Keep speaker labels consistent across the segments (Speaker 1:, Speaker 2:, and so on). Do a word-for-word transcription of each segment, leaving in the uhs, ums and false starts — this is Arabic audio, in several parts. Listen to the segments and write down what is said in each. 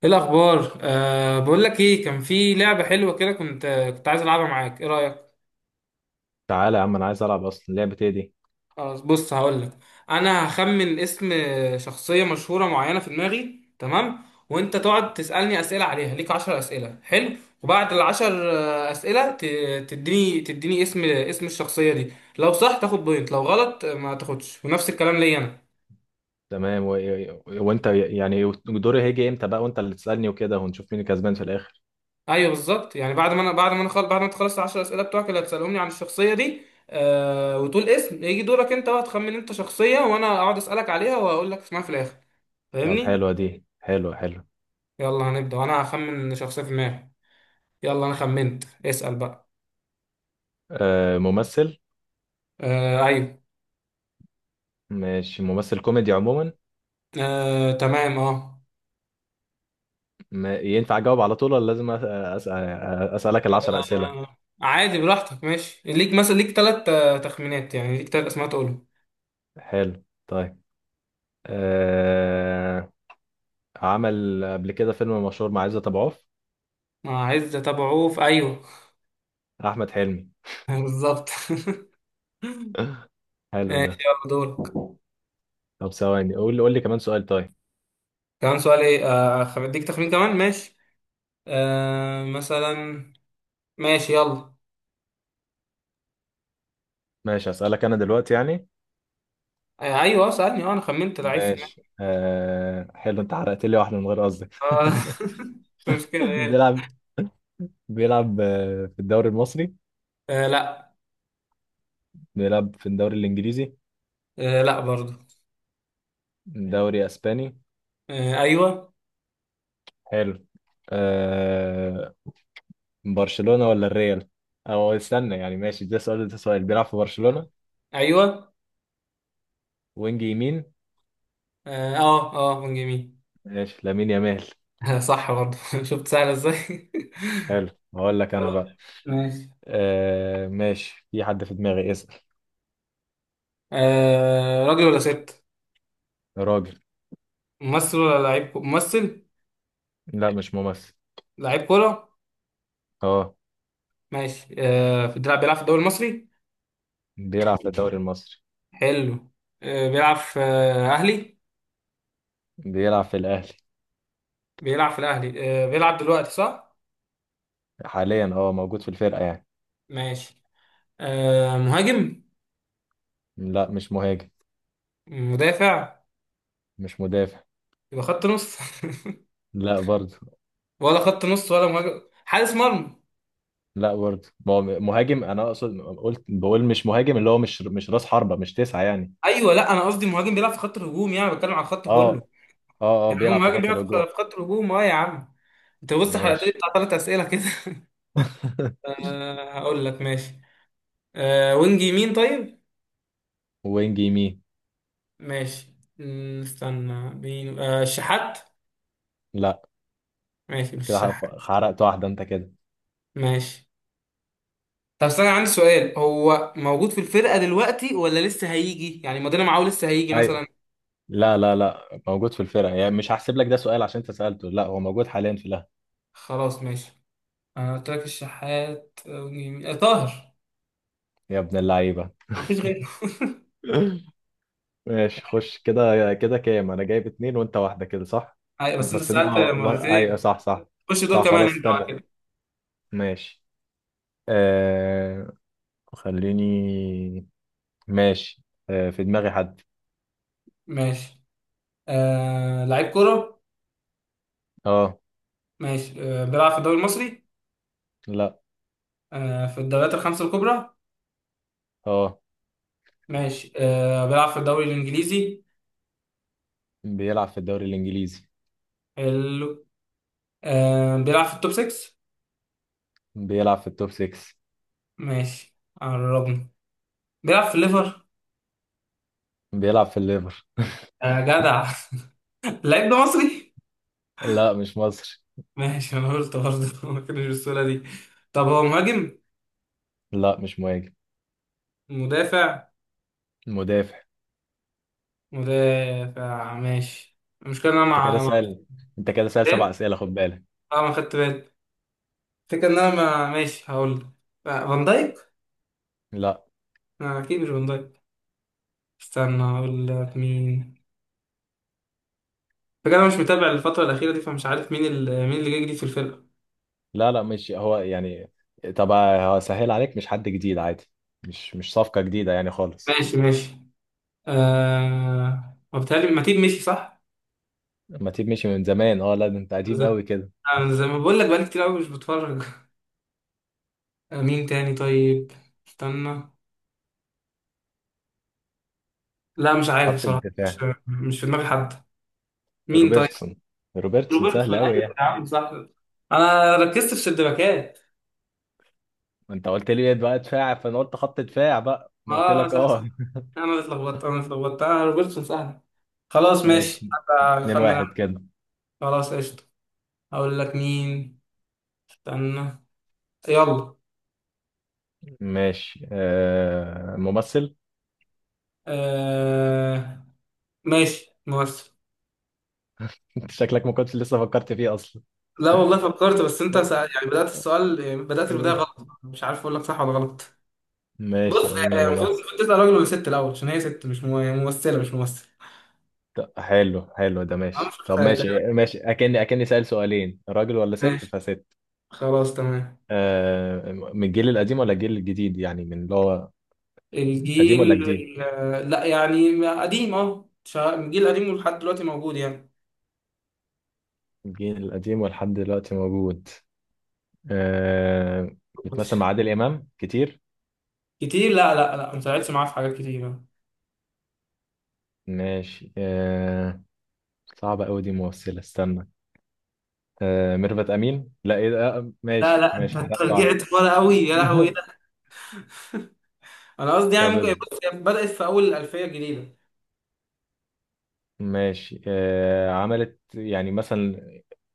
Speaker 1: ايه الاخبار؟ أه بقول لك، ايه كان في لعبه حلوه كده كنت كنت عايز العبها معاك. ايه رايك؟
Speaker 2: تعالى يا عم، انا عايز العب اصلا. لعبه ايه دي؟
Speaker 1: خلاص، بص، هقول لك. انا هخمن اسم شخصيه مشهوره معينه في دماغي، تمام؟ وانت تقعد تسالني اسئله عليها. ليك عشر اسئله، حلو؟ وبعد العشر آه، اسئله ت- تديني تديني اسم اسم الشخصيه دي. لو صح تاخد بوينت، لو غلط آه، ما تاخدش. ونفس الكلام ليا انا.
Speaker 2: تمام. و... وانت يعني دوري هيجي امتى بقى وانت اللي تسالني وكده ونشوف مين الكسبان في الاخر؟
Speaker 1: ايوه، بالظبط. يعني بعد ما انا بعد ما انا خل... بعد ما تخلص العشر اسئله بتوعك اللي هتسالهم لي عن الشخصيه دي. آه... وتقول اسم. يجي دورك انت بقى تخمن انت شخصيه وانا اقعد اسالك عليها وهقول لك اسمها في الاخر.
Speaker 2: طب
Speaker 1: فاهمني؟
Speaker 2: حلوه دي، حلوه حلوه.
Speaker 1: يلا هنبدا، وانا هخمن شخصيه في دماغي. يلا انا خمنت، اسال بقى.
Speaker 2: آه ممثل.
Speaker 1: آه... ايوه.
Speaker 2: ماشي، ممثل كوميدي عموما.
Speaker 1: آه... تمام، اه.
Speaker 2: ما ينفع اجاوب على طول ولا لازم أس- أسأل... اسالك العشر اسئله؟
Speaker 1: آه، عادي براحتك، ماشي. ليك مثلا ليك ثلاث تخمينات، يعني ليك ثلاث اسماء تقولهم.
Speaker 2: حلو. طيب. آه... عمل قبل كده فيلم مشهور مع عزت ابو عوف.
Speaker 1: آه، عايز تتابعوه في. ايوه.
Speaker 2: احمد حلمي.
Speaker 1: بالظبط.
Speaker 2: حلو ده.
Speaker 1: ماشي، يلا دورك.
Speaker 2: طب ثواني، قول لي قول لي كمان سؤال. طيب.
Speaker 1: كمان سؤال ايه؟ آه، خ- اديك تخمين كمان، ماشي. آه مثلا. ماشي يلا.
Speaker 2: ماشي، اسالك انا دلوقتي يعني.
Speaker 1: آه ايوه، سألني. اه انا خمنت لعيب في دماغي.
Speaker 2: ماشي، آه حلو. انت حرقت لي واحده من غير قصدك.
Speaker 1: آه. مش مشكلة، ايه.
Speaker 2: بيلعب بيلعب آه، في الدوري المصري؟
Speaker 1: آه، لا.
Speaker 2: بيلعب في الدوري الانجليزي؟
Speaker 1: آه، لا برضو.
Speaker 2: دوري اسباني؟
Speaker 1: آه، ايوه.
Speaker 2: حلو. آه برشلونه ولا الريال؟ او استنى يعني ماشي، ده سؤال. ده سؤال بيلعب في برشلونه؟
Speaker 1: ايوه،
Speaker 2: وينج يمين.
Speaker 1: اه، اه. آه، من جميل.
Speaker 2: ماشي، لامين يامال.
Speaker 1: صح برضو. شفت سهلة ازاي.
Speaker 2: حلو. هقول لك انا بقى.
Speaker 1: ماشي.
Speaker 2: آه ماشي، في حد في دماغي، اسال.
Speaker 1: آه راجل ولا ست؟
Speaker 2: راجل.
Speaker 1: ممثل ولا لعيب كو- ممثل؟
Speaker 2: لا، مش ممثل.
Speaker 1: لعيب كورة.
Speaker 2: اه،
Speaker 1: ماشي. آه في- بيلعب بيلعب في الدوري المصري؟
Speaker 2: بيلعب في الدوري المصري.
Speaker 1: حلو. آه بيلعب في آه أهلي؟
Speaker 2: بيلعب في الاهلي.
Speaker 1: بيلعب في الاهلي. آه بيلعب دلوقتي، صح؟
Speaker 2: حاليا، اه موجود في الفرقه يعني.
Speaker 1: ماشي. آه مهاجم؟
Speaker 2: لا، مش مهاجم.
Speaker 1: مدافع؟
Speaker 2: مش مدافع.
Speaker 1: يبقى خط نص؟
Speaker 2: لا برضه.
Speaker 1: ولا خط نص ولا مهاجم؟ حارس مرمى؟
Speaker 2: لا برضه، ما هو مهاجم. انا اقصد قلت بقول مش مهاجم، اللي هو مش مش راس حربة، مش تسعة يعني.
Speaker 1: ايوه. لا، انا قصدي مهاجم بيلعب في خط الهجوم، يعني بتكلم على الخط كله.
Speaker 2: اه اه اه،
Speaker 1: يعني هو
Speaker 2: بيلعب في
Speaker 1: مهاجم
Speaker 2: خط
Speaker 1: بيلعب في
Speaker 2: الهجوم.
Speaker 1: في خط الهجوم. اه يا عم. انت بص، حلقتين
Speaker 2: ماشي.
Speaker 1: بتاع ثلاث اسئله كده. آه هقول لك، ماشي. آه وينج يمين، طيب.
Speaker 2: وينج يمين؟
Speaker 1: ماشي. مم، استنى بين آه الشحات.
Speaker 2: لا.
Speaker 1: ماشي، مش
Speaker 2: كده
Speaker 1: الشحات.
Speaker 2: حرف- حرقت واحدة انت كده.
Speaker 1: ماشي. طب استنى، عندي سؤال. هو موجود في الفرقة دلوقتي ولا لسه هيجي؟ يعني مودينا معاه لسه هيجي
Speaker 2: ايوه.
Speaker 1: مثلا.
Speaker 2: لا لا لا، موجود في الفرقة، يعني مش هحسب لك ده سؤال عشان انت سألته. لا، هو موجود حاليا في الاهلي.
Speaker 1: خلاص، ماشي. انا قلت لك الشحات أو جميل- آه، طاهر.
Speaker 2: يا ابن اللعيبة.
Speaker 1: مفيش غيره.
Speaker 2: ماشي، خش كده كده، كام انا جايب؟ اتنين وانت واحدة، كده صح.
Speaker 1: أيوة، بس انت
Speaker 2: بس إن-
Speaker 1: سألت
Speaker 2: اه ايوه،
Speaker 1: مرتين.
Speaker 2: صح صح.
Speaker 1: خش دول
Speaker 2: صح،
Speaker 1: كمان،
Speaker 2: خلاص
Speaker 1: انت بقى
Speaker 2: استنى.
Speaker 1: كده.
Speaker 2: ماشي. آه خليني. ماشي. آه في دماغي حد.
Speaker 1: ماشي. آه لعيب كورة؟
Speaker 2: اه.
Speaker 1: ماشي. آه بيلعب في الدوري المصري؟
Speaker 2: لا.
Speaker 1: آه في الدوريات الخمسة الكبرى؟
Speaker 2: اه،
Speaker 1: ماشي. آه بيلعب في الدوري الإنجليزي؟
Speaker 2: بيلعب في الدوري الانجليزي.
Speaker 1: حلو. آه بيلعب في التوب ستة؟
Speaker 2: بيلعب في التوب ستة.
Speaker 1: ماشي. قربنا. بيلعب في الليفر؟
Speaker 2: بيلعب في الليفر.
Speaker 1: آه جدع! اللعيب ده مصري؟
Speaker 2: لا، مش مصري.
Speaker 1: ماشي، انا قلت برضه. ما كانش بالسهولة دي. طب هو مهاجم؟
Speaker 2: لا، مش مهاجم.
Speaker 1: مدافع؟
Speaker 2: مدافع.
Speaker 1: مدافع، ماشي. المشكلة ان انا
Speaker 2: انت كده
Speaker 1: مع مع
Speaker 2: سأل. انت كده سأل سبع اسئله، خد بالك.
Speaker 1: اه، ما خدت بالي. الفكرة ان انا ما ماشي هقول لك. آه، فان دايك؟
Speaker 2: لا
Speaker 1: لا، اكيد مش فان دايك. استنى هقول لك مين. فكرة انا مش متابع الفترة الأخيرة دي، فمش عارف مين ال... مين اللي جاي جديد في الفرقة.
Speaker 2: لا لا، مش هو يعني. طب، هو سهل عليك، مش حد جديد عادي. مش مش صفقه جديده يعني خالص.
Speaker 1: ماشي، ماشي. آه وبالتالي ماتيب مشي، صح؟
Speaker 2: ما تيب مشي من زمان، اه. لا، ده انت
Speaker 1: أنا
Speaker 2: قديم
Speaker 1: زي
Speaker 2: قوي كده.
Speaker 1: أنا زي ما بقول لك، بقالي كتير قوي مش بتفرج. آه، مين تاني طيب؟ استنى. لا مش عارف
Speaker 2: خط
Speaker 1: بصراحة. مش.
Speaker 2: الدفاع.
Speaker 1: مش في دماغي حد. مين طيب؟
Speaker 2: روبرتسون. روبرتسون سهل
Speaker 1: روبرتسون،
Speaker 2: قوي
Speaker 1: ايوه
Speaker 2: يعني.
Speaker 1: يا عم، صح. انا ركزت في الشباكات.
Speaker 2: ما انت قلت لي بقى دفاع، فانا قلت خط دفاع بقى. انا قلت
Speaker 1: اه،
Speaker 2: لك
Speaker 1: صح،
Speaker 2: اه.
Speaker 1: صح. انا اللي اتلخبطت انا اللي اتلخبطت آه روبرتسون سهل. خلاص ماشي
Speaker 2: ماشي.
Speaker 1: حتى.
Speaker 2: اتنين
Speaker 1: اخمن أنا.
Speaker 2: واحد كده.
Speaker 1: خلاص، قشطة. اقول لك مين. استنى. يلا.
Speaker 2: ماشي، آه ممثل.
Speaker 1: آه... ماشي، ممثل.
Speaker 2: انت شكلك ما كنتش لسه فكرت فيه اصلا.
Speaker 1: لا والله فكرت، بس انت سأل... يعني بدأت السؤال. يعني بدأت البداية غلط، مش عارف اقول لك صح ولا غلط. بص.
Speaker 2: ماشي، قلنا
Speaker 1: آه، المفروض
Speaker 2: ممثل.
Speaker 1: المفروض تسأل راجل ولا ست الاول، عشان هي ست. مش مو- ممثلة، مش ممثل.
Speaker 2: طب حلو، حلو ده
Speaker 1: انا مش
Speaker 2: ماشي. طب
Speaker 1: متخيل.
Speaker 2: ماشي ماشي، اكني اكني سأل سؤالين. راجل ولا ست،
Speaker 1: ماشي.
Speaker 2: فست.
Speaker 1: خلاص تمام.
Speaker 2: آه من الجيل القديم ولا الجيل الجديد، يعني من اللي هو قديم ولا
Speaker 1: الجيل
Speaker 2: جديد؟
Speaker 1: ال- لا، يعني قديم، اه شا- الجيل القديم ولحد دلوقتي موجود يعني.
Speaker 2: الجيل القديم ولحد دلوقتي موجود. آه بتمثل مع عادل إمام كتير؟
Speaker 1: كتير؟ لا، لا، لا، ما طلعتش معاه في حاجات كتير.
Speaker 2: ماشي. آه صعبة أوي دي، ممثلة استنى. آه ميرفت أمين، لا إيه ده، آه
Speaker 1: لا،
Speaker 2: ماشي
Speaker 1: لا، انت
Speaker 2: ماشي، حرقت
Speaker 1: أنت
Speaker 2: واحدة.
Speaker 1: رجعت ورا قوي، يا لهوي ده. انا قصدي يعني
Speaker 2: طب
Speaker 1: ممكن.
Speaker 2: اصبر.
Speaker 1: بص، هي بدأت في اول الألفية الجديدة.
Speaker 2: ماشي، آه عملت يعني مثلا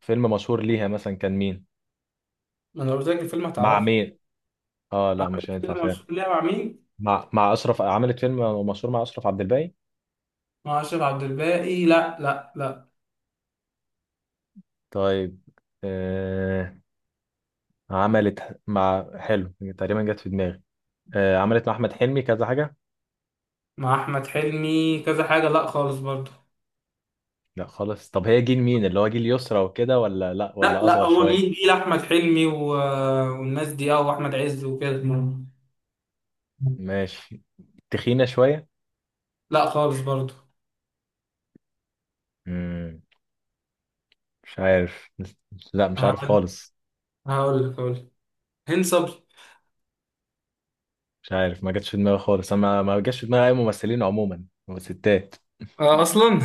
Speaker 2: فيلم مشهور ليها، مثلا كان مين؟
Speaker 1: ما انا قلت لك الفيلم
Speaker 2: مع
Speaker 1: هتعرفها.
Speaker 2: مين؟ اه، لا
Speaker 1: عارف
Speaker 2: مش هينفع
Speaker 1: الفيلم
Speaker 2: فعلا.
Speaker 1: مشهور ليها مع مين؟
Speaker 2: مع مع أشرف، عملت فيلم مشهور مع أشرف عبد الباقي؟
Speaker 1: مع أشرف عبد الباقي؟ لا، لا، لا.
Speaker 2: طيب. آه عملت مع، حلو، تقريبا جت في دماغي. آه عملت مع أحمد حلمي كذا حاجة؟
Speaker 1: مع أحمد حلمي كذا حاجة؟ لا خالص برضه.
Speaker 2: لا خلاص. طب هي جيل مين، اللي هو جيل يسرا وكده، ولا لا،
Speaker 1: لا،
Speaker 2: ولا
Speaker 1: لا،
Speaker 2: اصغر
Speaker 1: هو جيل
Speaker 2: شويه؟
Speaker 1: جيل أحمد حلمي و... والناس دي، اه وأحمد عز وكده.
Speaker 2: ماشي. تخينه شويه؟
Speaker 1: لا خالص برضو.
Speaker 2: امم مش عارف. لا، مش عارف
Speaker 1: هقول
Speaker 2: خالص.
Speaker 1: هقول لك هقول لك هند صبري.
Speaker 2: مش عارف، ما جاتش في دماغي خالص. انا ما ما جاتش في دماغي اي ممثلين عموما. ستات.
Speaker 1: اه، اصلا.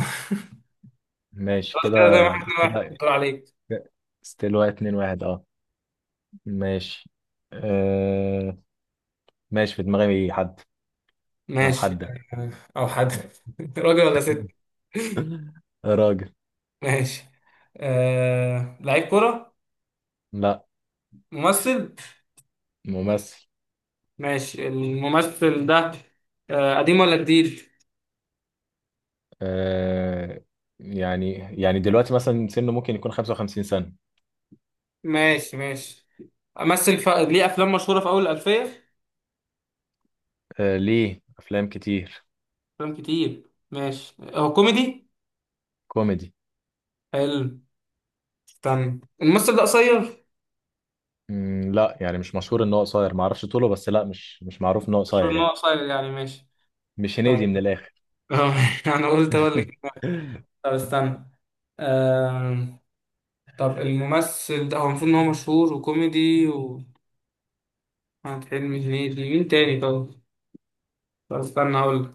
Speaker 2: ماشي
Speaker 1: خلاص
Speaker 2: كده.
Speaker 1: كده، زي ما احنا واحد
Speaker 2: كده
Speaker 1: دور عليك.
Speaker 2: ستيل واحد اتنين واحد اه. ماشي. آه... ماشي، في دماغي حد او
Speaker 1: ماشي.
Speaker 2: حدة.
Speaker 1: آه، او حد. راجل ولا ست؟
Speaker 2: راجل.
Speaker 1: ماشي. آه... لعيب كرة؟
Speaker 2: لا.
Speaker 1: ممثل؟
Speaker 2: ممثل.
Speaker 1: ماشي، الممثل ده. آه... قديم ولا جديد؟
Speaker 2: آه... يعني يعني دلوقتي مثلا سنه، ممكن يكون خمسة وخمسين سنة.
Speaker 1: ماشي، ماشي. امثل، ف... ليه افلام مشهورة في اول الالفية.
Speaker 2: آه ليه افلام كتير.
Speaker 1: افلام كتير، ماشي. هو كوميدي؟
Speaker 2: كوميدي.
Speaker 1: حلو. استنى، الممثل ده قصير؟
Speaker 2: مم لا، يعني مش مشهور ان هو قصير، ما اعرفش طوله، بس لا، مش مش معروف ان هو
Speaker 1: مشهور
Speaker 2: قصير
Speaker 1: ان هو
Speaker 2: يعني.
Speaker 1: قصير يعني؟ ماشي.
Speaker 2: مش هنيدي
Speaker 1: طيب.
Speaker 2: من الاخر.
Speaker 1: انا قلت اقول لك إيه. طب استنى. آه... طب الممثل ده هو المفروض ان هو مشهور وكوميدي. وأحمد حلمي، هنيدي، مين تاني طب؟ طب استنى هقول لك.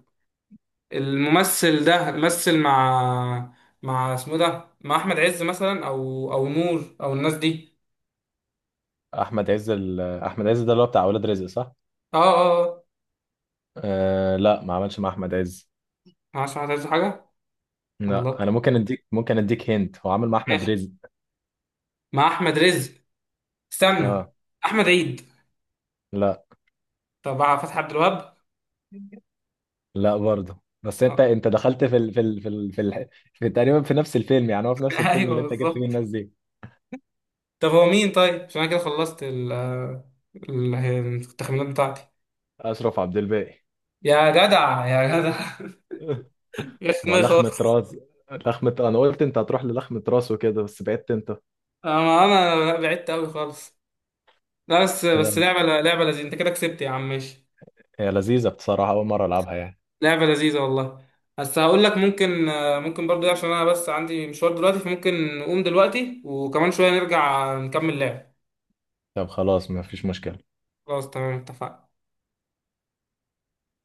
Speaker 1: الممثل ده مثل مع. مع اسمه ده مع احمد عز مثلا، او او نور، او الناس دي.
Speaker 2: احمد عز ال... احمد عز ده اللي هو بتاع اولاد رزق، صح.
Speaker 1: اه، اه، آه.
Speaker 2: آه لا، ما عملش مع احمد عز.
Speaker 1: مع احمد عز حاجه؟
Speaker 2: لا،
Speaker 1: الله.
Speaker 2: انا ممكن اديك، ممكن اديك هنت. هو عامل مع احمد
Speaker 1: ماشي.
Speaker 2: رزق.
Speaker 1: مع احمد رزق. استنى.
Speaker 2: اه.
Speaker 1: احمد عيد؟
Speaker 2: لا
Speaker 1: طب مع فتحي عبد الوهاب؟
Speaker 2: لا برضه. بس انت
Speaker 1: آه.
Speaker 2: انت دخلت في ال... في ال... في ال... في, ال... في تقريبا في نفس الفيلم، يعني هو في نفس الفيلم
Speaker 1: ايوه،
Speaker 2: اللي انت جبت فيه
Speaker 1: بالظبط.
Speaker 2: الناس دي.
Speaker 1: طب هو مين طيب؟ عشان انا كده خلصت ال ال- التخمينات بتاعتي.
Speaker 2: اشرف عبد الباقي.
Speaker 1: يا جدع، يا جدع. يا
Speaker 2: ما
Speaker 1: دماغي
Speaker 2: لخمة
Speaker 1: خالص.
Speaker 2: راس. لخمة، انا قلت انت هتروح للخمة راس وكده، بس بعدت انت.
Speaker 1: انا انا بعدت قوي خالص. لا بس
Speaker 2: كده.
Speaker 1: بس لعبه لعبه لذيذه. انت كده كسبت يا عم، ماشي.
Speaker 2: هي لذيذة بصراحة، اول مرة العبها يعني.
Speaker 1: لعبه لذيذه والله. بس هقول لك ممكن، آه، ممكن برضو، إيه، عشان انا بس عندي مشوار دلوقتي، فممكن نقوم دلوقتي وكمان شويه نرجع نكمل لعب.
Speaker 2: طب خلاص، ما فيش مشكلة.
Speaker 1: خلاص تمام، اتفقنا.